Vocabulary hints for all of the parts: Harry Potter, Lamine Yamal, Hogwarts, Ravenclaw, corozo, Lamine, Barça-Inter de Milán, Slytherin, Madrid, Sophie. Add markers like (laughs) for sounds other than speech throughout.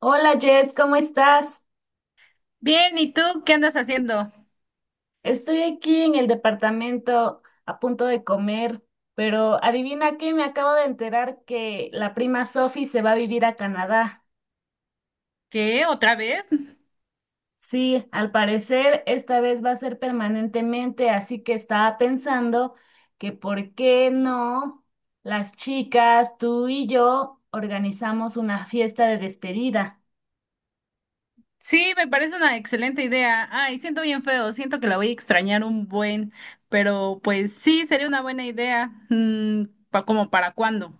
Hola Jess, ¿cómo estás? Bien, ¿y tú qué andas haciendo? Estoy aquí en el departamento a punto de comer, pero adivina qué, me acabo de enterar que la prima Sophie se va a vivir a Canadá. ¿Qué? ¿Otra vez? Sí, al parecer esta vez va a ser permanentemente, así que estaba pensando que por qué no las chicas, tú y yo, organizamos una fiesta de despedida. Sí, me parece una excelente idea. Ay, siento bien feo, siento que la voy a extrañar un buen, pero pues sí, sería una buena idea. ¿Como para cuándo?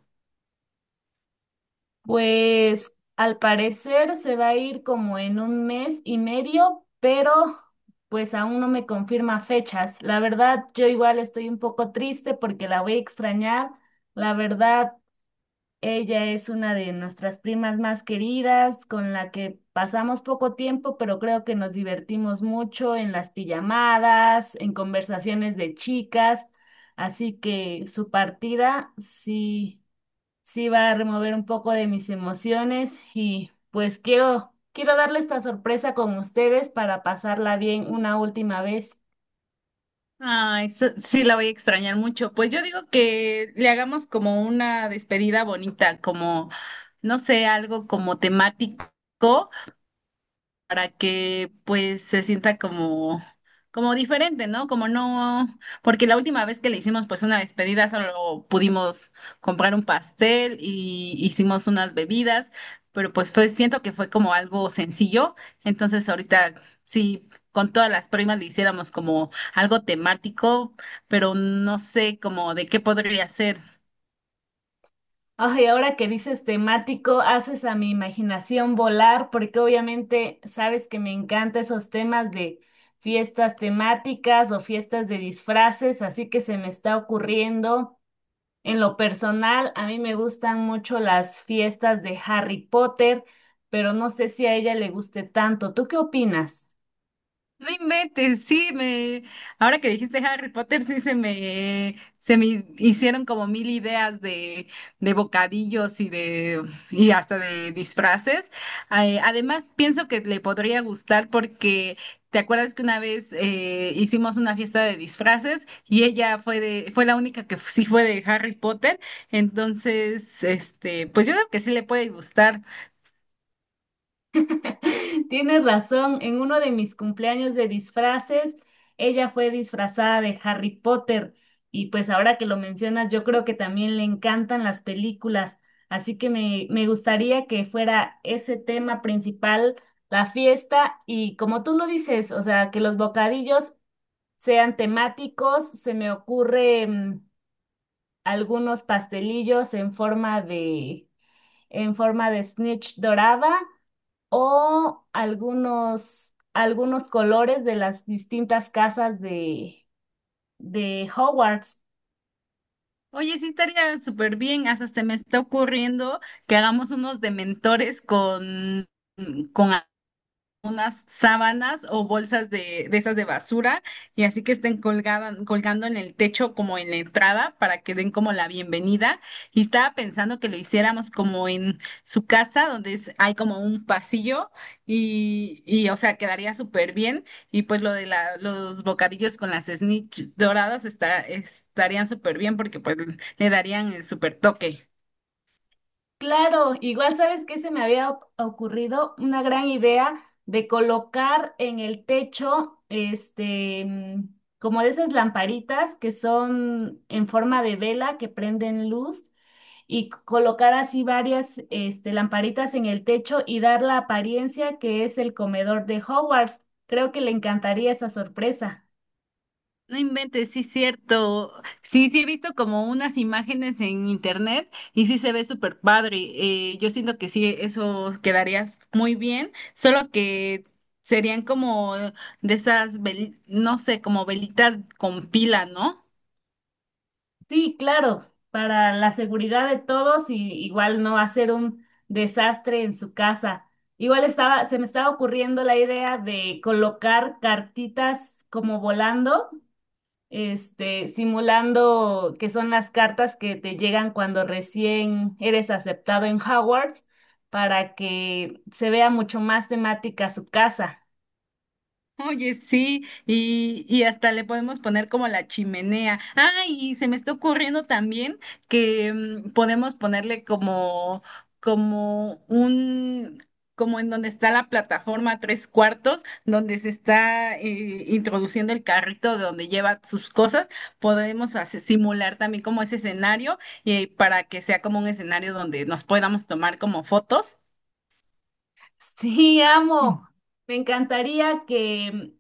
Pues al parecer se va a ir como en un mes y medio, pero pues aún no me confirma fechas. La verdad, yo igual estoy un poco triste porque la voy a extrañar. La verdad, ella es una de nuestras primas más queridas, con la que pasamos poco tiempo, pero creo que nos divertimos mucho en las pijamadas, en conversaciones de chicas. Así que su partida sí. Sí, va a remover un poco de mis emociones y pues quiero, quiero darle esta sorpresa con ustedes para pasarla bien una última vez. Ay, sí, la voy a extrañar mucho. Pues yo digo que le hagamos como una despedida bonita, como, no sé, algo como temático, para que pues se sienta como, como diferente, ¿no? Como no, porque la última vez que le hicimos pues una despedida solo pudimos comprar un pastel y hicimos unas bebidas, pero pues fue, siento que fue como algo sencillo, entonces ahorita sí. Con todas las primas le hiciéramos como algo temático, pero no sé como de qué podría ser. Ay, ahora que dices temático, haces a mi imaginación volar porque obviamente sabes que me encantan esos temas de fiestas temáticas o fiestas de disfraces, así que se me está ocurriendo. En lo personal, a mí me gustan mucho las fiestas de Harry Potter, pero no sé si a ella le guste tanto. ¿Tú qué opinas? No inventes, sí, me, ahora que dijiste Harry Potter, se me hicieron como mil ideas de bocadillos y y hasta de disfraces. Además, pienso que le podría gustar porque te acuerdas que una vez hicimos una fiesta de disfraces y fue la única que sí fue de Harry Potter. Entonces, pues yo creo que sí le puede gustar. (laughs) Tienes razón, en uno de mis cumpleaños de disfraces, ella fue disfrazada de Harry Potter y pues ahora que lo mencionas, yo creo que también le encantan las películas, así que me gustaría que fuera ese tema principal, la fiesta y como tú lo dices, o sea, que los bocadillos sean temáticos, se me ocurre algunos pastelillos en forma de snitch dorada o algunos, algunos colores de las distintas casas de Hogwarts. Oye, sí estaría súper bien. Hasta se me está ocurriendo que hagamos unos dementores con unas sábanas o de esas de basura y así que estén colgadas, colgando en el techo como en la entrada para que den como la bienvenida. Y estaba pensando que lo hiciéramos como en su casa donde hay como un pasillo y o sea, quedaría súper bien. Y pues los bocadillos con las snitch doradas estarían súper bien porque pues le darían el súper toque. Claro, igual sabes que se me había ocurrido una gran idea de colocar en el techo, este, como de esas lamparitas que son en forma de vela que prenden luz y colocar así varias, este, lamparitas en el techo y dar la apariencia que es el comedor de Hogwarts. Creo que le encantaría esa sorpresa. No inventes, sí es cierto. Sí, sí he visto como unas imágenes en internet y sí se ve súper padre. Yo siento que sí, eso quedaría muy bien, solo que serían como de esas, no sé, como velitas con pila, ¿no? Sí, claro, para la seguridad de todos y igual no hacer un desastre en su casa. Igual se me estaba ocurriendo la idea de colocar cartitas como volando, este, simulando que son las cartas que te llegan cuando recién eres aceptado en Hogwarts para que se vea mucho más temática su casa. (laughs) Oye, sí, y hasta le podemos poner como la chimenea. Ah, y se me está ocurriendo también que podemos ponerle como, como un, como en donde está la plataforma tres cuartos, donde se está introduciendo el carrito de donde lleva sus cosas, simular también como ese escenario para que sea como un escenario donde nos podamos tomar como fotos. Sí, amo. Me encantaría que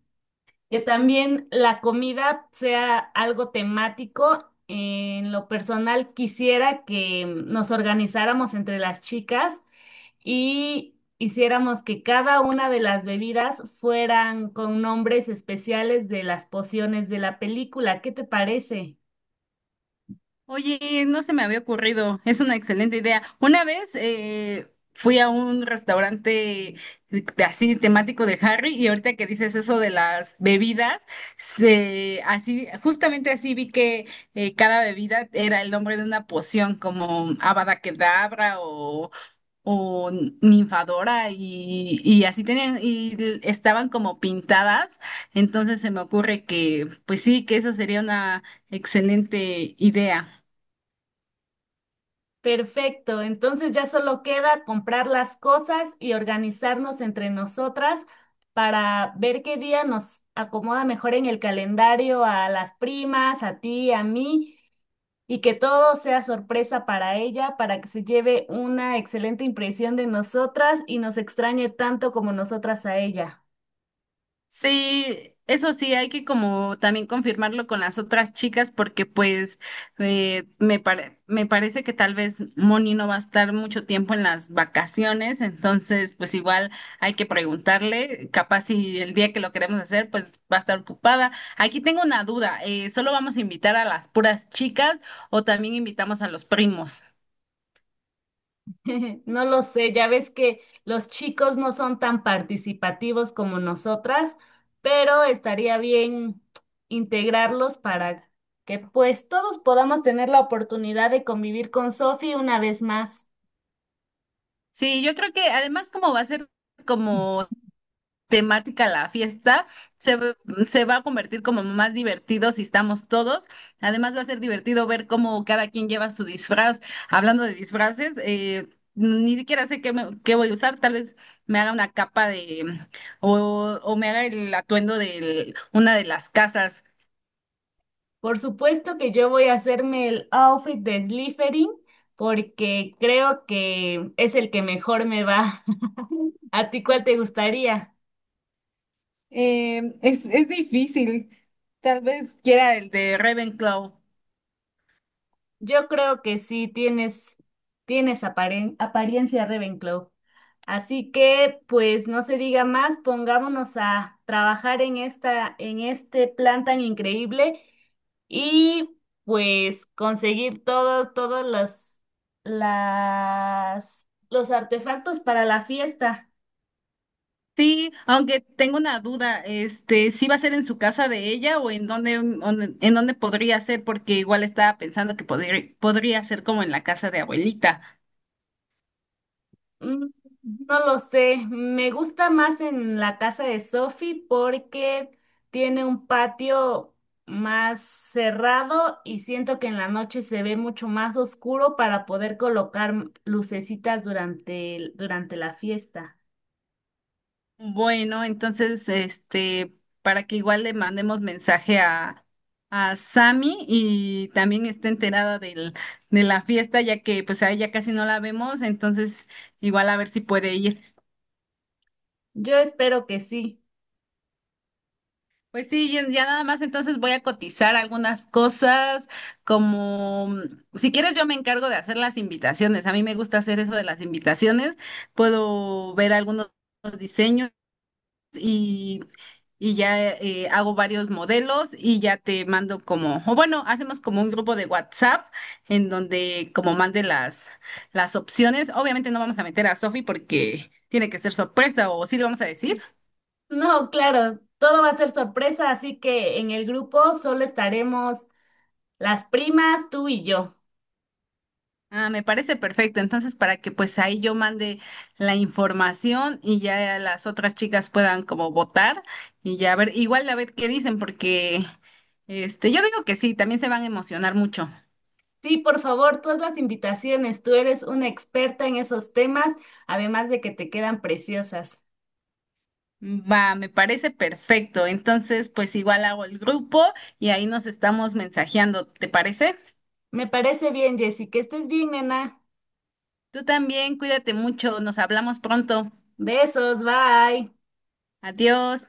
Que también la comida sea algo temático. En lo personal, quisiera que nos organizáramos entre las chicas y hiciéramos que cada una de las bebidas fueran con nombres especiales de las pociones de la película. ¿Qué te parece? Oye, no se me había ocurrido, es una excelente idea. Una vez fui a un restaurante así temático de Harry y ahorita que dices eso de las bebidas, se, así, justamente así vi que cada bebida era el nombre de una poción como Avada Kedavra o Ninfadora y así tenían y estaban como pintadas, entonces se me ocurre que pues sí, que esa sería una excelente idea. Perfecto, entonces ya solo queda comprar las cosas y organizarnos entre nosotras para ver qué día nos acomoda mejor en el calendario a las primas, a ti, a mí, y que todo sea sorpresa para ella, para que se lleve una excelente impresión de nosotras y nos extrañe tanto como nosotras a ella. Sí, eso sí, hay que como también confirmarlo con las otras chicas porque pues me parece que tal vez Moni no va a estar mucho tiempo en las vacaciones, entonces pues igual hay que preguntarle, capaz si el día que lo queremos hacer pues va a estar ocupada. Aquí tengo una duda, ¿solo vamos a invitar a las puras chicas o también invitamos a los primos? (laughs) No lo sé, ya ves que los chicos no son tan participativos como nosotras, pero estaría bien integrarlos para que pues todos podamos tener la oportunidad de convivir con Sophie una vez más. Sí, yo creo que además como va a ser como temática la fiesta, se, ve- se va a convertir como más divertido si estamos todos. Además va a ser divertido ver cómo cada quien lleva su disfraz. Hablando de disfraces, ni siquiera sé qué voy a usar. Tal vez me haga una capa de o me haga el atuendo de una de las casas. Por supuesto que yo voy a hacerme el outfit de Slytherin porque creo que es el que mejor me va. (laughs) ¿A ti cuál te gustaría? Es difícil. Tal vez quiera el de Ravenclaw. Yo creo que sí tienes apariencia Ravenclaw. Así que, pues no se diga más, pongámonos a trabajar en en este plan tan increíble y pues conseguir todos las, los artefactos para la fiesta. Sí, aunque tengo una duda, ¿sí va a ser en su casa de ella o en en dónde podría ser? Porque igual estaba pensando que podría ser como en la casa de abuelita. Mm, No lo sé, me gusta más en la casa de Sophie porque tiene un patio más cerrado y siento que en la noche se ve mucho más oscuro para poder colocar lucecitas durante la fiesta. Bueno, entonces, para que igual le mandemos mensaje a Sammy y también esté enterada de la fiesta, ya que pues a ella casi no la vemos, entonces igual a ver si puede ir. Yo espero que sí. Pues sí, ya nada más entonces voy a cotizar algunas cosas, como si quieres yo me encargo de hacer las invitaciones. A mí me gusta hacer eso de las invitaciones. Puedo ver algunos diseños y, y ya hago varios modelos y ya te mando como, o bueno, hacemos como un grupo de WhatsApp en donde como las opciones. Obviamente no vamos a meter a Sofi porque tiene que ser sorpresa o sí le vamos a decir. No, claro, todo va a ser sorpresa, así que en el grupo solo estaremos las primas, tú y yo. Ah, me parece perfecto. Entonces, para que pues ahí yo mande la información y ya las otras chicas puedan como votar y ya ver, igual a ver qué dicen, porque yo digo que sí, también se van a emocionar mucho. Sí, por favor, todas las invitaciones. Tú eres una experta en esos temas, además de que te quedan preciosas. Va, me parece perfecto. Entonces, pues igual hago el grupo y ahí nos estamos mensajeando, ¿te parece? Me parece bien, Jessy, que estés bien, nena. Tú también, cuídate mucho, nos hablamos pronto. Besos, bye. Adiós.